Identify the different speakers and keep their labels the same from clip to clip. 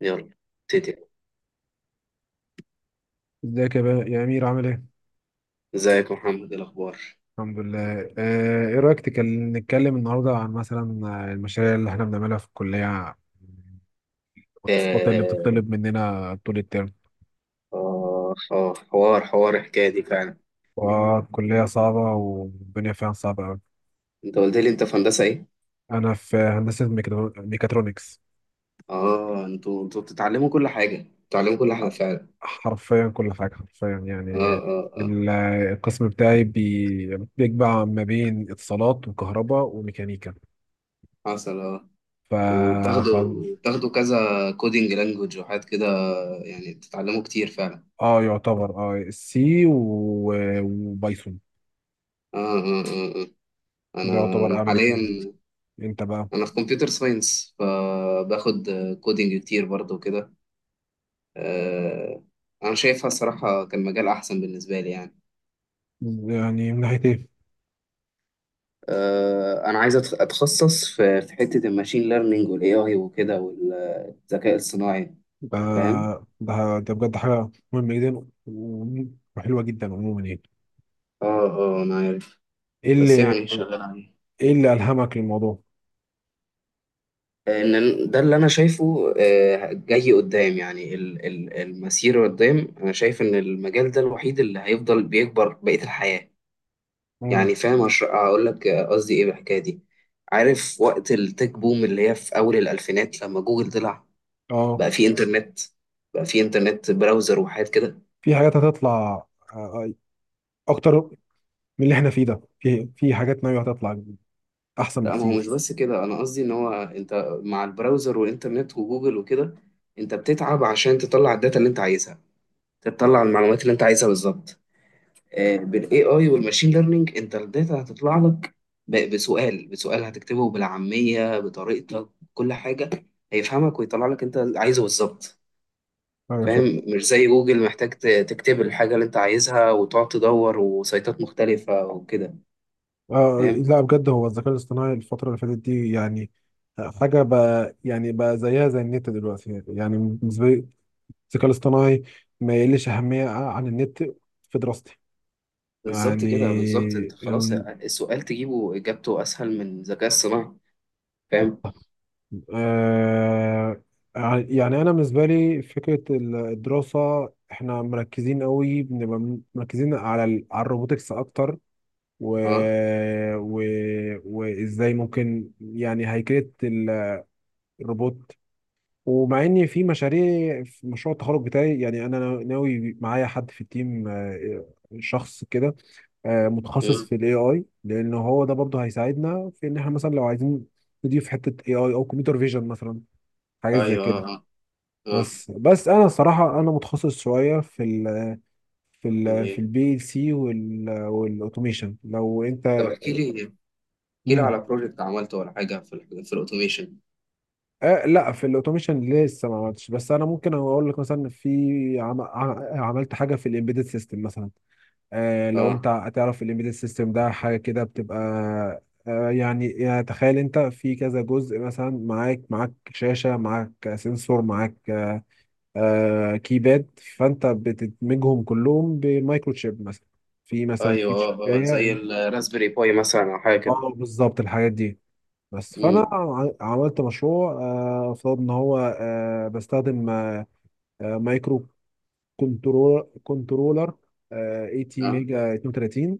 Speaker 1: يلا، ابتدي.
Speaker 2: ازيك يا بقى يا امير، عامل ايه؟
Speaker 1: ازيك يا محمد، إيه الاخبار؟
Speaker 2: الحمد لله. ايه رايك نتكلم النهارده عن مثلا المشاريع اللي احنا بنعملها في الكليه، والتاسكات اللي
Speaker 1: آه
Speaker 2: بتطلب مننا طول الترم.
Speaker 1: آه آه، حوار الحكاية دي فعلا.
Speaker 2: والكليه صعبه والدنيا فيها صعبه قوي.
Speaker 1: أنت قلت لي أنت في هندسة إيه؟
Speaker 2: انا في هندسه ميكاترونكس.
Speaker 1: آه، أنتوا بتتعلموا كل حاجة فعلا.
Speaker 2: حرفيا كل حاجه حرفيا يعني.
Speaker 1: آه آه آه،
Speaker 2: ال- القسم بتاعي بيجمع ما بين اتصالات وكهرباء وميكانيكا.
Speaker 1: حصل. آه،
Speaker 2: ف... ف...
Speaker 1: وبتاخدوا كذا كودينج لانجوج وحاجات كده، يعني بتتعلموا كتير فعلا.
Speaker 2: اه يعتبر اه سي وبايثون.
Speaker 1: آه آه آه آه.
Speaker 2: ده
Speaker 1: أنا أنا
Speaker 2: يعتبر أهم
Speaker 1: حاليا،
Speaker 2: اتنين. أنت بقى؟
Speaker 1: أنا في كمبيوتر ساينس، فباخد كودينج كتير برضه كده. آه، انا شايفها الصراحه كان مجال احسن بالنسبه لي يعني.
Speaker 2: يعني من ناحية إيه؟
Speaker 1: انا عايز اتخصص في حته الماشين ليرنينج والاي اي وكده والذكاء الصناعي،
Speaker 2: ده
Speaker 1: فاهم.
Speaker 2: ده ده بجد حاجة مهمة جدا وحلوة جدا عموما يعني.
Speaker 1: اه اه، انا عارف،
Speaker 2: إيه
Speaker 1: بس
Speaker 2: اللي
Speaker 1: يعني شغال عليه.
Speaker 2: إيه اللي ألهمك للموضوع؟
Speaker 1: ان ده اللي انا شايفه، جاي قدام، يعني المسير قدام، انا شايف ان المجال ده الوحيد اللي هيفضل بيكبر بقية الحياة.
Speaker 2: مم.
Speaker 1: يعني فاهم، هقول لك قصدي ايه بالحكاية دي. عارف وقت التك بوم اللي هي في اول الالفينات، لما جوجل طلع،
Speaker 2: أه،
Speaker 1: بقى في انترنت، بقى في انترنت براوزر وحاجات كده.
Speaker 2: في حاجات هتطلع آه، أكتر من اللي إحنا فيه ده. في حاجات ناوية هتطلع أحسن
Speaker 1: لا، ما هو
Speaker 2: بكتير.
Speaker 1: مش بس كده، انا قصدي ان هو انت مع البراوزر والانترنت وجوجل وكده، انت بتتعب عشان تطلع الداتا اللي انت عايزها، تطلع المعلومات اللي انت عايزها بالظبط. بالاي اي والماشين ليرنينج، انت الداتا هتطلع لك بسؤال هتكتبه بالعامية بطريقتك، كل حاجة هيفهمك، ويطلع لك انت اللي عايزه بالظبط.
Speaker 2: أيوة فعلا.
Speaker 1: فاهم؟ مش زي جوجل محتاج تكتب الحاجة اللي انت عايزها وتقعد تدور وسيطات مختلفة وكده،
Speaker 2: آه
Speaker 1: فاهم؟
Speaker 2: لا، بجد هو الذكاء الاصطناعي الفترة اللي فاتت دي يعني حاجة بقى، يعني بقى زيها زي النت دلوقتي، يعني بالنسبة لي الذكاء الاصطناعي ما يقلش أهمية عن النت في دراستي.
Speaker 1: بالظبط
Speaker 2: يعني
Speaker 1: كده بالظبط، انت خلاص
Speaker 2: ال-
Speaker 1: السؤال تجيبه اجابته اسهل من الذكاء الصناعي. فاهم.
Speaker 2: آه يعني أنا بالنسبة لي فكرة الدراسة، إحنا مركزين قوي، بنبقى مركزين على على الروبوتكس أكتر. و...
Speaker 1: اه.
Speaker 2: و... وإزاي ممكن يعني هيكلة الروبوت. ومع ان في مشاريع، في مشروع التخرج بتاعي، يعني انا ناوي معايا حد في التيم، شخص كده، متخصص
Speaker 1: امم.
Speaker 2: في الاي اي، لان هو ده برضه هيساعدنا في ان احنا مثلا لو عايزين نضيف حته اي اي او كمبيوتر فيجن مثلا، حاجات زي
Speaker 1: ايوه
Speaker 2: كده.
Speaker 1: اه اه. آه.
Speaker 2: بس انا الصراحه انا متخصص شويه في ال في ال في
Speaker 1: ليه؟
Speaker 2: البي ال سي والاوتوميشن لو انت.
Speaker 1: طب احكي لي، احكي لي
Speaker 2: مم.
Speaker 1: على بروجكت عملته ولا حاجه في في الاوتوميشن.
Speaker 2: آه لا، في الاوتوميشن لسه ما عملتش، بس انا ممكن اقول لك مثلا عملت حاجه في الامبيدد سيستم مثلا. لو
Speaker 1: اه
Speaker 2: انت هتعرف، الامبيدد سيستم ده حاجه كده بتبقى يعني تخيل انت في كذا جزء مثلا، معاك شاشه، معاك سنسور، معاك آه، آه، كيباد، فانت بتدمجهم كلهم بمايكرو تشيب مثلا، في مثلا في
Speaker 1: ايوه اه اه،
Speaker 2: تشيبايه.
Speaker 1: زي الراسبيري باي مثلا او حاجه كده.
Speaker 2: اه بالظبط، الحاجات دي. بس فانا
Speaker 1: امم.
Speaker 2: عملت مشروع، افترض ان هو بستخدم مايكرو كنترولر 80
Speaker 1: اه
Speaker 2: ميجا 32،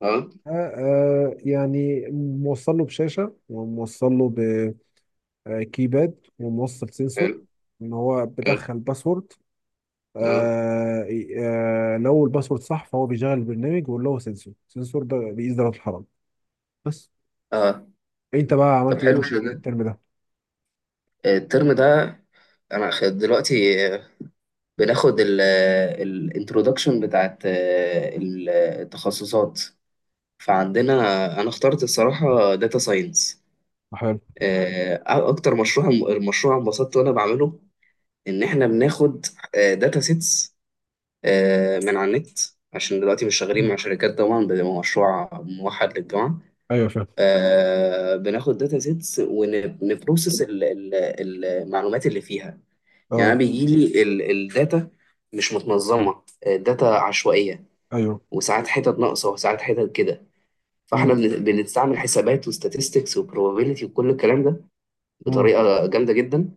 Speaker 1: اه.
Speaker 2: يعني موصل له بشاشة، وموصل له بكيباد، وموصل سنسور،
Speaker 1: حلو.
Speaker 2: ان هو
Speaker 1: حلو.
Speaker 2: بدخل باسورد.
Speaker 1: اه
Speaker 2: آه، لو الباسورد صح فهو بيشغل البرنامج، ولو هو السنسور ده بيقيس درجة الحرارة بس.
Speaker 1: اه.
Speaker 2: انت بقى
Speaker 1: طب
Speaker 2: عملت ايه
Speaker 1: حلو
Speaker 2: مشاريع
Speaker 1: كده.
Speaker 2: الترم ده؟
Speaker 1: الترم ده، انا دلوقتي، آه، بناخد الانترودكشن بتاعت آه، التخصصات. فعندنا، انا اخترت الصراحه داتا ساينس.
Speaker 2: حلو.
Speaker 1: اكتر مشروع، المشروع انبسطت وانا بعمله، ان احنا بناخد داتا سيتس من على النت، عشان دلوقتي مش شغالين
Speaker 2: مم.
Speaker 1: مع شركات طبعا، بيبقى مشروع موحد للجامعه.
Speaker 2: ايوه فاهم.
Speaker 1: آه، بناخد داتا سيتس ونبروسس المعلومات اللي فيها. يعني
Speaker 2: اه.
Speaker 1: انا بيجي لي الداتا مش متنظمه، آه، داتا عشوائيه،
Speaker 2: ايوه.
Speaker 1: وساعات حتت ناقصه وساعات حتت كده. فاحنا
Speaker 2: مم.
Speaker 1: بنستعمل حسابات وستاتستكس وبروبابيليتي وكل الكلام ده
Speaker 2: مم.
Speaker 1: بطريقه جامده جدا،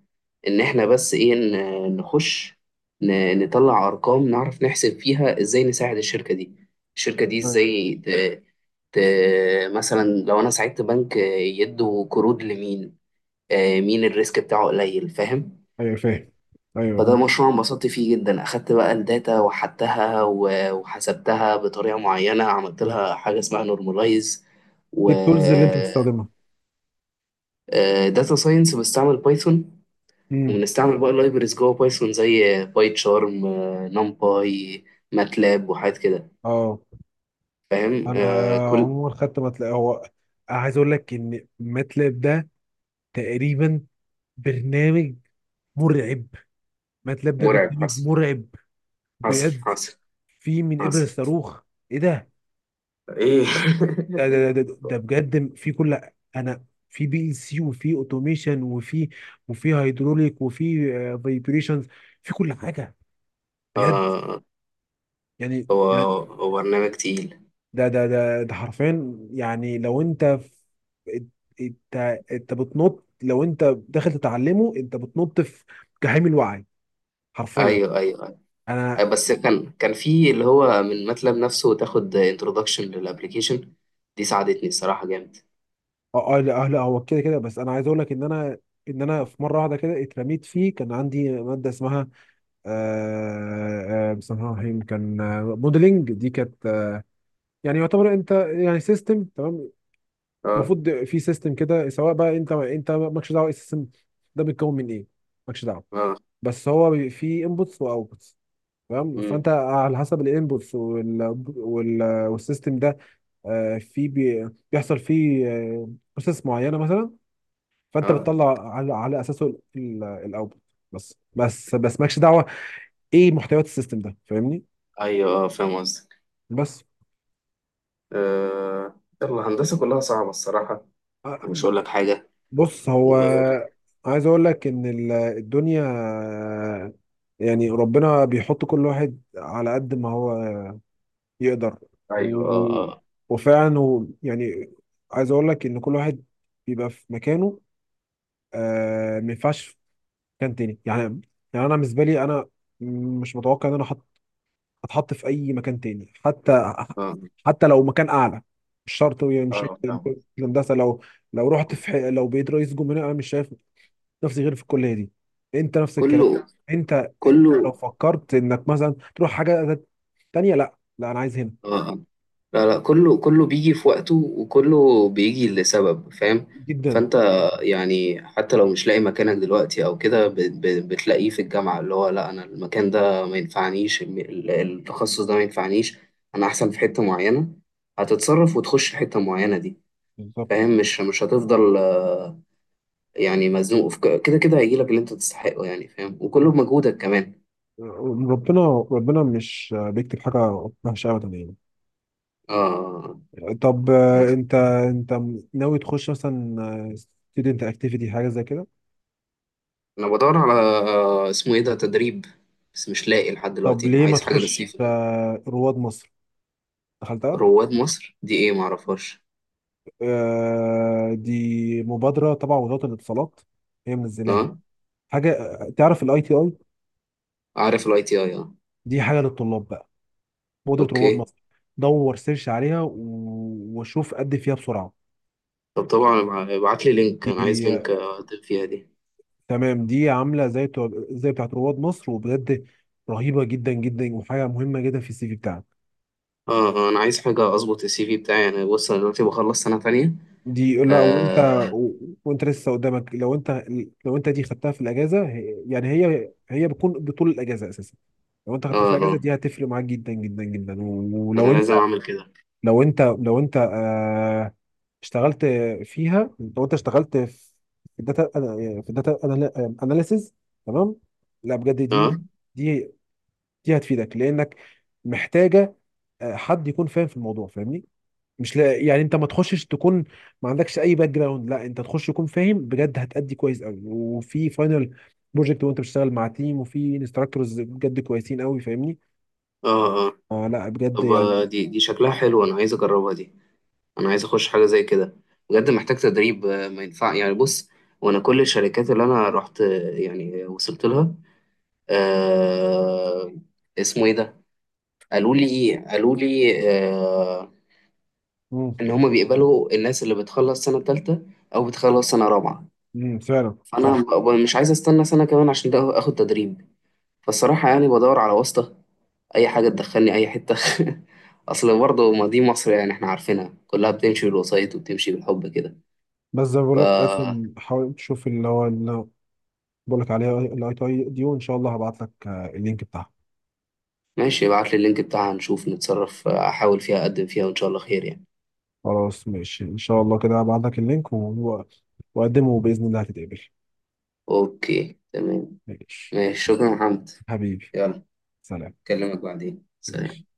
Speaker 1: ان احنا بس ايه، نخش، نطلع ارقام، نعرف نحسب فيها ازاي نساعد الشركه دي،
Speaker 2: ايوه،
Speaker 1: ازاي ت... مثلا لو انا ساعدت بنك، يدوا قروض لمين، آه، مين الريسك بتاعه قليل، فاهم.
Speaker 2: ايوه، فاهم.
Speaker 1: فده
Speaker 2: ايوه.
Speaker 1: مشروع انبسطت فيه جدا، اخدت بقى الداتا وحدتها، وحسبتها بطريقه معينه، عملت
Speaker 2: مم.
Speaker 1: لها حاجه اسمها نورماليز.
Speaker 2: ايه التولز اللي انت بتستخدمها؟
Speaker 1: داتا ساينس بستعمل بايثون،
Speaker 2: مم.
Speaker 1: وبنستعمل بقى لايبرز جوه بايثون زي باي تشارم، نمباي، ماتلاب وحاجات كده.
Speaker 2: اه
Speaker 1: فاهم.
Speaker 2: انا
Speaker 1: آه، كل.
Speaker 2: عموما خدت ماتلاب، هو عايز اقول لك ان ماتلاب ده تقريبا برنامج مرعب. ماتلاب ده
Speaker 1: مرعب،
Speaker 2: برنامج
Speaker 1: حصل.
Speaker 2: مرعب
Speaker 1: حصل
Speaker 2: بجد،
Speaker 1: حصل.
Speaker 2: في من ابر
Speaker 1: حصل.
Speaker 2: الصاروخ. ايه ده؟
Speaker 1: ايه؟
Speaker 2: ده بجد، في كل، انا في بي ال سي، وفي اوتوميشن، وفي هيدروليك، وفي فايبريشنز، في كل حاجه بجد.
Speaker 1: اه.
Speaker 2: يعني
Speaker 1: هو
Speaker 2: يعني
Speaker 1: هو برنامج تقيل.
Speaker 2: ده حرفيا، يعني لو انت في انت انت بتنط، لو انت داخل تتعلمه انت بتنط في جحيم الوعي حرفيا.
Speaker 1: ايوه ايوه ايوه. آه،
Speaker 2: انا
Speaker 1: بس كان في اللي هو من ماتلاب نفسه، تاخد انتروداكشن للابلكيشن دي، ساعدتني الصراحه جامد.
Speaker 2: اه لا، لا، هو كده كده، بس انا عايز اقول لك ان انا في مره واحده كده اترميت فيه. كان عندي ماده اسمها بسم الله الرحمن الرحيم، كان موديلنج، دي كانت يعني يعتبر، انت يعني سيستم، تمام؟
Speaker 1: اه
Speaker 2: المفروض في سيستم كده، سواء بقى انت مالكش دعوه السيستم ده بيتكون من ايه، مالكش دعوه.
Speaker 1: اه.
Speaker 2: بس هو في انبوتس واوتبوتس، تمام؟
Speaker 1: امم.
Speaker 2: فانت على حسب الانبوتس وال... والسيستم ده بيحصل فيه بروسيس معينه مثلا، فانت
Speaker 1: اه
Speaker 2: بتطلع على اساسه الاوتبوت. بس مالكش دعوه ايه محتويات السيستم ده، فاهمني.
Speaker 1: ايوه اه، فاهم قصدي.
Speaker 2: بس
Speaker 1: آه، يلا هندسة كلها صعبة الصراحة،
Speaker 2: آه،
Speaker 1: مش
Speaker 2: ب-
Speaker 1: هقول لك حاجة.
Speaker 2: بص، هو
Speaker 1: و...
Speaker 2: عايز اقول لك ان الدنيا يعني ربنا بيحط كل واحد على قد ما هو يقدر.
Speaker 1: أيوه
Speaker 2: و...
Speaker 1: آه. آه
Speaker 2: وفعلا يعني عايز اقول لك ان كل واحد بيبقى في مكانه، آه، ما ينفعش في مكان تاني يعني. يعني انا بالنسبه لي، انا مش متوقع ان انا هتحط في اي مكان تاني، حتى
Speaker 1: آه
Speaker 2: لو مكان اعلى. مش شرط يعني، مش شرط.
Speaker 1: آه فاهم.
Speaker 2: الهندسه، لو رحت لو بقيت رئيس جمهوريه، انا مش شايف نفسي غير في الكليه دي. انت نفس الكلام،
Speaker 1: كله
Speaker 2: انت لو
Speaker 1: كله
Speaker 2: فكرت انك مثلا تروح حاجه تانيه، لا لا، انا عايز هنا
Speaker 1: آه آه. لا لا، كله بيجي في وقته، وكله بيجي لسبب، فاهم.
Speaker 2: جدا
Speaker 1: فأنت،
Speaker 2: جدا.
Speaker 1: يعني حتى لو مش لاقي مكانك دلوقتي أو كده، بتلاقيه في الجامعة، اللي هو لا، أنا المكان ده ما ينفعنيش، التخصص ده ما ينفعنيش. أنا أحسن في حتة معينة، هتتصرف وتخش في حتة معينة دي،
Speaker 2: بالظبط،
Speaker 1: فاهم. مش هتفضل يعني مزنوق في كده كده، هيجيلك اللي انت تستحقه يعني، فاهم، وكله بمجهودك كمان.
Speaker 2: ربنا ربنا مش بيكتب حاجة وحشة أبدا يعني.
Speaker 1: اه
Speaker 2: طب
Speaker 1: آه.
Speaker 2: أنت ناوي تخش مثلا ستودنت أكتيفيتي حاجة زي كده؟
Speaker 1: انا بدور على آه، اسمه ايه ده، تدريب، بس مش لاقي لحد
Speaker 2: طب
Speaker 1: دلوقتي،
Speaker 2: ليه ما
Speaker 1: عايز حاجه
Speaker 2: تخش
Speaker 1: للصيف دي.
Speaker 2: رواد مصر؟ دخلتها؟
Speaker 1: رواد مصر دي ايه؟ معرفهاش.
Speaker 2: دي مبادرة تبع وزارة الاتصالات، هي منزلاها،
Speaker 1: اه
Speaker 2: حاجة تعرف الأي تي أي؟
Speaker 1: عارف الاي تي اي اه.
Speaker 2: دي حاجة للطلاب بقى، مبادرة
Speaker 1: اوكي.
Speaker 2: رواد مصر. دور سيرش عليها وشوف قد إيه فيها،
Speaker 1: طب طبعا ابعت لي لينك، انا عايز
Speaker 2: بسرعة.
Speaker 1: لينك اقدم فيها دي.
Speaker 2: تمام، دي عامله زي بتاعت رواد مصر. وبجد رهيبه جدا جدا، وحاجه مهمه جدا في السي في بتاعك
Speaker 1: اه. آه، انا عايز حاجه اظبط السي في بتاعي، انا بص، انا دلوقتي بخلص سنه تانية.
Speaker 2: دي. لا وانت،
Speaker 1: اه
Speaker 2: و- وانت لسه قدامك، لو انت دي خدتها في الاجازه، يعني هي بتكون بطول الاجازه اساسا. لو انت
Speaker 1: اه
Speaker 2: خدتها في الاجازه
Speaker 1: آه.
Speaker 2: دي هتفرق معاك جدا جدا جدا.
Speaker 1: انا
Speaker 2: ولو انت،
Speaker 1: لازم اعمل كده.
Speaker 2: لو انت اشتغلت فيها، لو انت اشتغلت الداتا في الداتا اناليسيز، تمام؟ لا بجد
Speaker 1: اه
Speaker 2: دي، دي دي هتفيدك لانك محتاجه حد يكون فاهم في الموضوع، فاهمني؟ مش لا يعني، انت ما تخشش تكون ما عندكش اي باك جراوند، لا انت تخش تكون فاهم بجد، هتأدي كويس قوي، وفي فاينل بروجكت وانت بتشتغل مع تيم، وفي انستراكتورز بجد كويسين قوي، فاهمني؟
Speaker 1: اه اه.
Speaker 2: آه لا بجد
Speaker 1: طب آه،
Speaker 2: يعني.
Speaker 1: دي شكلها حلو، انا عايز اجربها دي، انا عايز اخش حاجه زي كده. بجد محتاج تدريب، آه، ما ينفع يعني، بص. وانا كل الشركات اللي انا رحت آه، يعني وصلت لها آه، اسمه ايه ده، قالوا لي آه،
Speaker 2: امم
Speaker 1: ان هما بيقبلوا الناس اللي بتخلص سنه تالتة او بتخلص سنه رابعه.
Speaker 2: فعلا
Speaker 1: فانا
Speaker 2: صح.
Speaker 1: مش عايز استنى سنه كمان عشان ده اخد تدريب. فالصراحه يعني بدور على واسطه، اي حاجه تدخلني اي حته. اصل برضه، ما دي مصر يعني، احنا عارفينها كلها بتمشي بالوسايط وبتمشي بالحب كده.
Speaker 2: بس زي ما
Speaker 1: ف
Speaker 2: بقول لك، قدم، حاول تشوف اللي هو اللي بقول لك عليها، الاي تي اي دي، وان شاء الله هبعت لك اللينك بتاعها.
Speaker 1: ماشي، ابعت لي اللينك بتاعها، نشوف نتصرف، احاول فيها، اقدم فيها، وان شاء الله خير يعني.
Speaker 2: خلاص ماشي، ان شاء الله كده هبعت لك اللينك، وقدمه بإذن الله هتتقبل.
Speaker 1: اوكي تمام.
Speaker 2: ماشي.
Speaker 1: ماشي، شكرا يا محمد.
Speaker 2: حبيبي.
Speaker 1: يلا،
Speaker 2: سلام.
Speaker 1: اكلمك بعدين،
Speaker 2: ماشي.
Speaker 1: سلام.